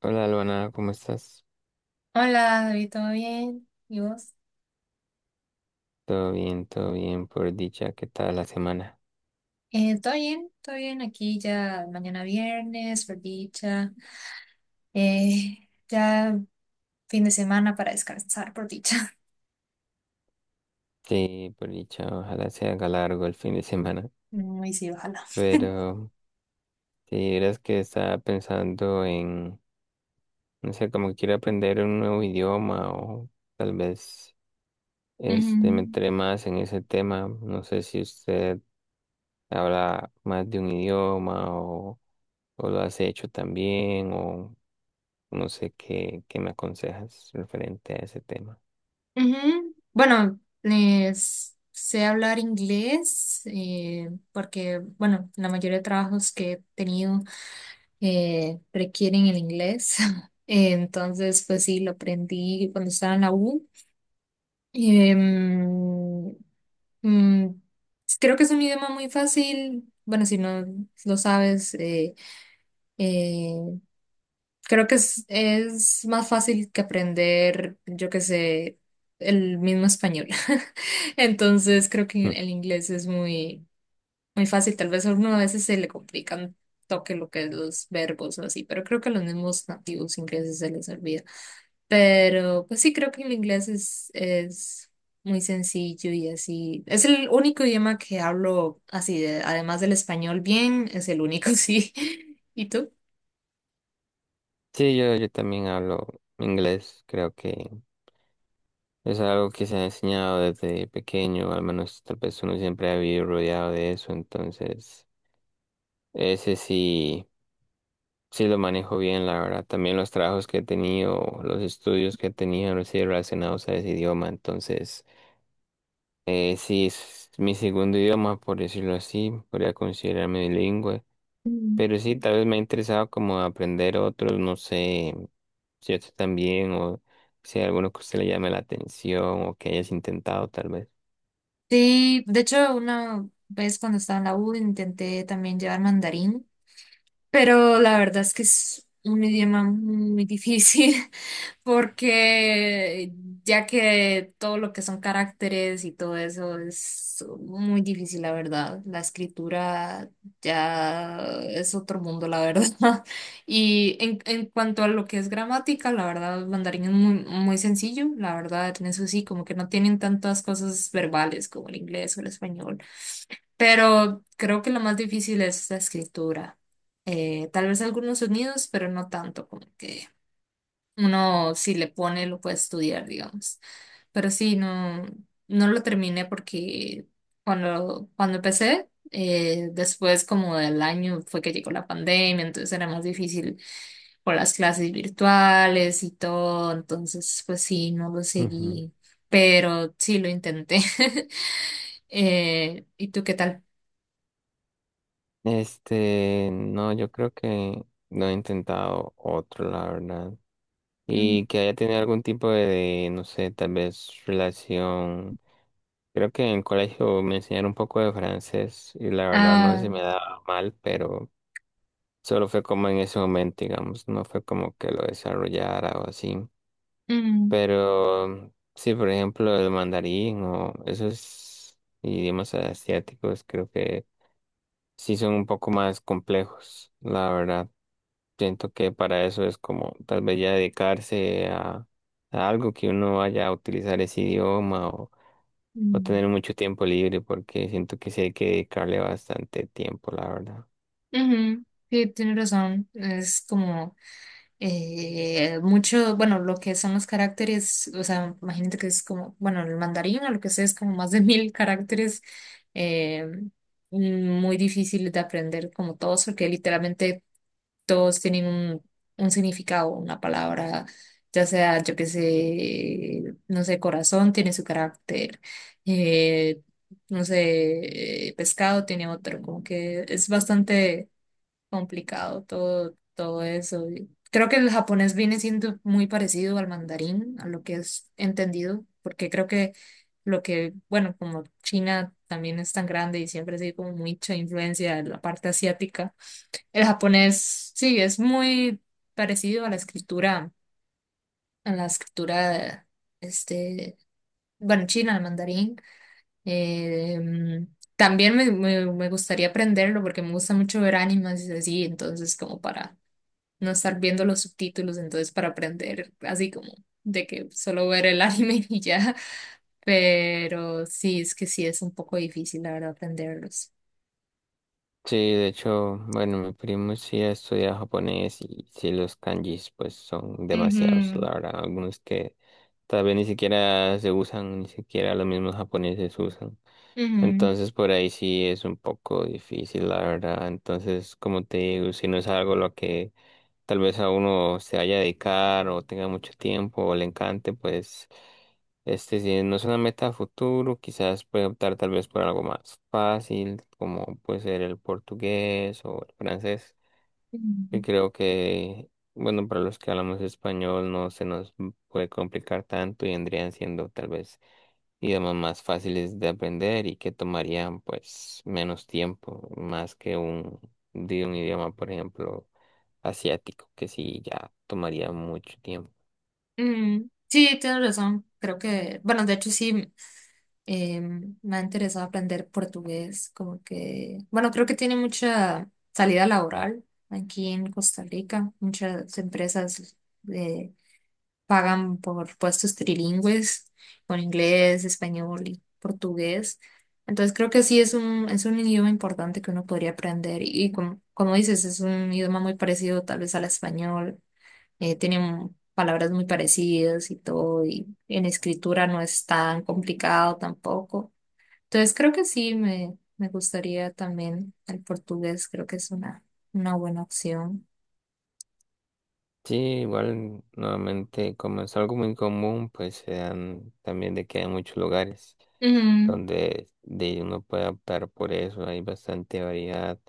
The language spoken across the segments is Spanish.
Hola, Luana, ¿cómo estás? Hola, David, ¿todo bien? ¿Y vos? Todo bien, por dicha, ¿qué tal la semana? ¿Todo bien? ¿Todo bien? Aquí ya mañana viernes, por dicha. Ya fin de semana para descansar, por dicha. Sí, por dicha, ojalá se haga largo el fin de semana. Y sí, ojalá. Pero si eras que estaba pensando en, no sé, como que quiero aprender un nuevo idioma o tal vez este me Ujú, entré más en ese tema. No sé si usted habla más de un idioma o lo has hecho también o no sé qué, qué me aconsejas referente a ese tema. ujú. Bueno, les sé hablar inglés porque, bueno, la mayoría de trabajos que he tenido requieren el inglés. Entonces, pues sí, lo aprendí cuando estaba en la U. Em, Mm, creo que es un idioma muy fácil. Bueno, si no lo sabes, eh, creo que es más fácil que aprender, yo qué sé, el mismo español. Entonces, creo que el inglés es muy, muy fácil. Tal vez a uno a veces se le complica un toque lo que es los verbos o así, pero creo que a los mismos nativos ingleses se les olvida. Pero pues sí, creo que el inglés es muy sencillo y así. Es el único idioma que hablo así, además del español bien, es el único, sí. ¿Y tú? Sí, yo también hablo inglés, creo que es algo que se ha enseñado desde pequeño, al menos tal vez uno siempre ha vivido rodeado de eso, entonces ese sí, sí lo manejo bien, la verdad. También los trabajos que he tenido, los estudios que he tenido han sido relacionados a ese idioma, entonces sí es mi segundo idioma, por decirlo así, podría considerarme bilingüe. Mm. Pero sí, tal vez me ha interesado como aprender otros, no sé si usted también o si hay alguno que a usted le llame la atención o que hayas intentado tal vez. Sí, de hecho, una vez cuando estaba en la U intenté también llevar mandarín, pero la verdad es que es un idioma muy difícil porque ya que todo lo que son caracteres y todo eso es muy difícil, la verdad. La escritura ya es otro mundo, la verdad. Y en cuanto a lo que es gramática, la verdad, el mandarín es muy, muy sencillo, la verdad, en eso sí, como que no tienen tantas cosas verbales como el inglés o el español. Pero creo que lo más difícil es la escritura. Tal vez algunos sonidos, pero no tanto, como que uno si le pone lo puede estudiar, digamos. Pero sí, no, no lo terminé porque cuando empecé, después como del año fue que llegó la pandemia, entonces era más difícil por las clases virtuales y todo, entonces pues sí, no lo Ujú. seguí, pero sí lo intenté. ¿Y tú qué tal? Este, no, yo creo que no he intentado otro, la verdad. Y que haya tenido algún tipo de, no sé, tal vez relación. Creo que en el colegio me enseñaron un poco de francés y la verdad no Ah, se me daba mal, pero solo fue como en ese momento, digamos, no fue como que lo desarrollara o así. Mm, Pero sí, por ejemplo, el mandarín o esos idiomas asiáticos creo que sí son un poco más complejos, la verdad. Siento que para eso es como tal vez ya dedicarse a algo que uno vaya a utilizar ese idioma o mm, tener mucho tiempo libre, porque siento que sí hay que dedicarle bastante tiempo, la verdad. ujú. Sí, tienes razón. Es como mucho, bueno, lo que son los caracteres, o sea, imagínate que es como, bueno, el mandarín o lo que sea es como más de mil caracteres, eh, muy difíciles de aprender como todos, porque literalmente todos tienen un significado, una palabra, ya sea, yo qué sé, no sé, corazón tiene su carácter, eh, no sé, pescado tiene otro, como que es bastante complicado todo, todo eso. Y creo que el japonés viene siendo muy parecido al mandarín, a lo que es entendido, porque creo que lo que, bueno, como China también es tan grande y siempre ha sido como mucha influencia de la parte asiática, el japonés sí es muy parecido a la escritura, a la escritura, este, bueno, china, al mandarín. Eh, también me gustaría aprenderlo porque me gusta mucho ver animes y así, entonces como para no estar viendo los subtítulos, entonces para aprender así como de que solo ver el anime y ya. Pero sí, es que sí es un poco difícil, la verdad, aprenderlos. Sí, de hecho, bueno, mi primo sí estudia japonés y sí los kanjis pues son demasiados, la Ujú, verdad, algunos que tal vez ni siquiera se usan, ni siquiera los mismos japoneses usan. ujú, Entonces por ahí sí es un poco difícil, la verdad. Entonces, como te digo, si no es algo lo que tal vez a uno se vaya a dedicar o tenga mucho tiempo o le encante, pues este si no es una meta a futuro, quizás puede optar tal vez por algo más fácil, como puede ser el portugués o el francés que ujú, creo que, bueno, para los que hablamos español no se nos puede complicar tanto y vendrían siendo tal vez idiomas más fáciles de aprender y que tomarían pues menos tiempo, más que un, de un idioma, por ejemplo, asiático, que sí ya tomaría mucho tiempo. ujú. Sí, tienes razón. Creo que, bueno, de hecho sí, eh, me ha interesado aprender portugués, como que, bueno, creo que tiene mucha salida laboral aquí en Costa Rica, muchas empresas eh, pagan por puestos trilingües, con inglés, español y portugués. Entonces creo que sí es es un idioma importante que uno podría aprender. Y como, como dices, es un idioma muy parecido tal vez al español. Eh, tienen palabras muy parecidas y todo. Y en escritura no es tan complicado tampoco. Entonces creo que sí me gustaría también el portugués. Creo que es una buena opción. Sí, igual nuevamente como es algo muy común, pues se dan también de que hay muchos lugares Ujú, donde de uno puede optar por eso, hay bastante variedad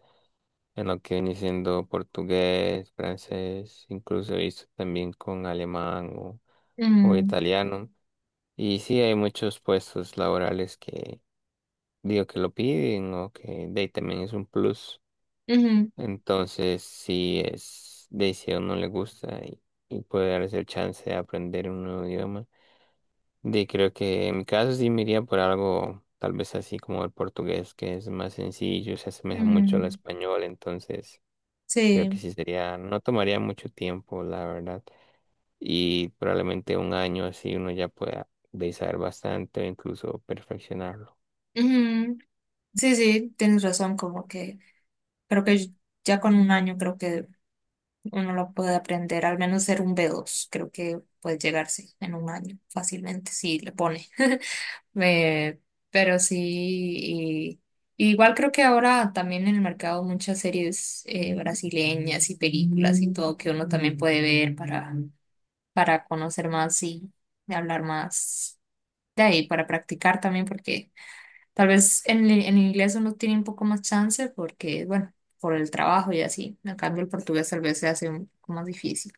en lo que viene siendo portugués, francés, incluso he visto también con alemán o ujú, italiano. Y sí, hay muchos puestos laborales que digo que lo piden o que de ahí también es un plus. ujú, Entonces, sí es de ahí si a uno le gusta y puede darse el chance de aprender un nuevo idioma. De creo que en mi caso sí me iría por algo tal vez así como el portugués, que es más sencillo, se asemeja mucho al ujú. español, entonces creo que Sí. sí sería, no tomaría mucho tiempo, la verdad. Y probablemente un año así uno ya pueda besar bastante o incluso perfeccionarlo. Ujú. Sí, sí, tienes razón, como que creo que ya con un año creo que uno lo puede aprender, al menos ser un B2 creo que puede llegarse en un año fácilmente si le pone. Eh, pero sí, y igual creo que ahora también en el mercado muchas series brasileñas y películas y todo que uno también puede ver para conocer más y hablar más de ahí, para practicar también, porque tal vez en inglés uno tiene un poco más chance porque, bueno, por el trabajo y así. En cambio, el portugués tal vez se hace un poco más difícil.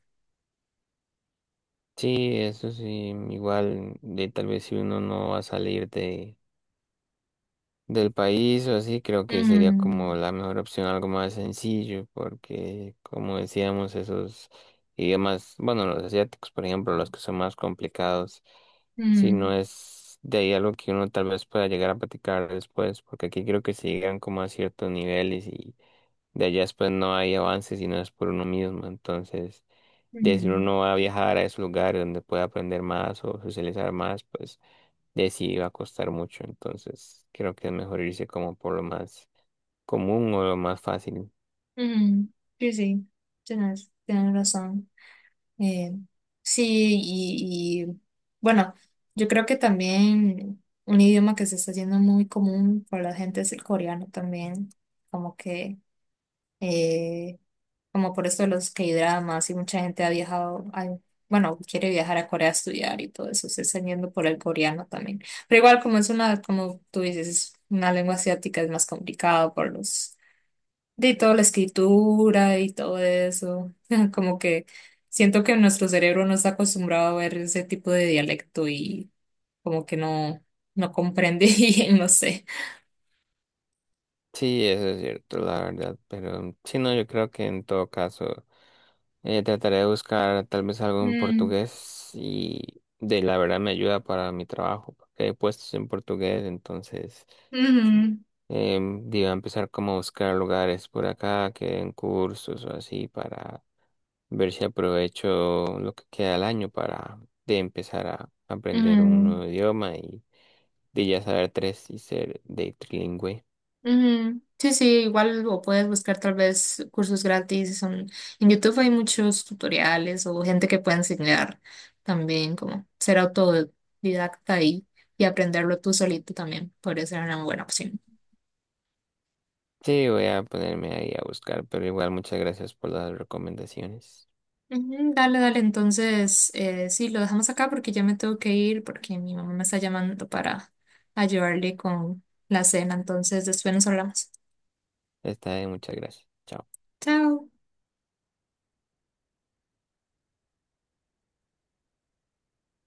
Sí, eso sí, igual de tal vez si uno no va a salir de del país o así, creo que sería como Mm, la mejor opción, algo más sencillo, porque como decíamos, esos idiomas, bueno, los asiáticos, por ejemplo, los que son más complicados si no mm, es de ahí algo que uno tal vez pueda llegar a platicar después, porque aquí creo que se llegan como a ciertos niveles y de allá después no hay avances si no es por uno mismo. Entonces, de si mm, uno va a viajar a esos lugares donde puede aprender más o socializar más, pues de sí va a costar mucho. Entonces, creo que es mejor irse como por lo más común o lo más fácil. mm. Sí, sí, tienes razón. Eh, sí, y, y, bueno, yo creo que también un idioma que se está haciendo muy común para la gente es el coreano también, como que eh, como por esto de los K-dramas y mucha gente ha viajado, bueno, quiere viajar a Corea a estudiar y todo eso, se está yendo por el coreano también. Pero igual como es una, como tú dices, es una lengua asiática es más complicado por los, de toda la escritura y todo eso, como que siento que nuestro cerebro no está acostumbrado a ver ese tipo de dialecto y como que no, no comprende y no sé. Sí, eso es cierto, la verdad, pero sí, no, yo creo que en todo caso trataré de buscar tal vez algo en Mm, portugués y de la verdad me ayuda para mi trabajo, porque hay puestos en portugués, entonces ujú, eh, digo, empezar como a buscar lugares por acá que den cursos o así para ver si aprovecho lo que queda del año para de empezar a aprender un ujú. nuevo idioma y de ya saber tres y ser de trilingüe. Ujú. Sí, sí, igual o puedes buscar tal vez cursos gratis. En YouTube hay muchos tutoriales o gente que puede enseñar también como ser autodidacta y aprenderlo tú solito también. Podría ser una buena opción. Sí, voy a ponerme ahí a buscar, pero igual muchas gracias por las recomendaciones. Ujú, dale, dale, entonces sí, lo dejamos acá porque ya me tengo que ir porque mi mamá me está llamando para ayudarle con la cena, entonces después nos hablamos. Está bien, muchas gracias. Chao. Chao.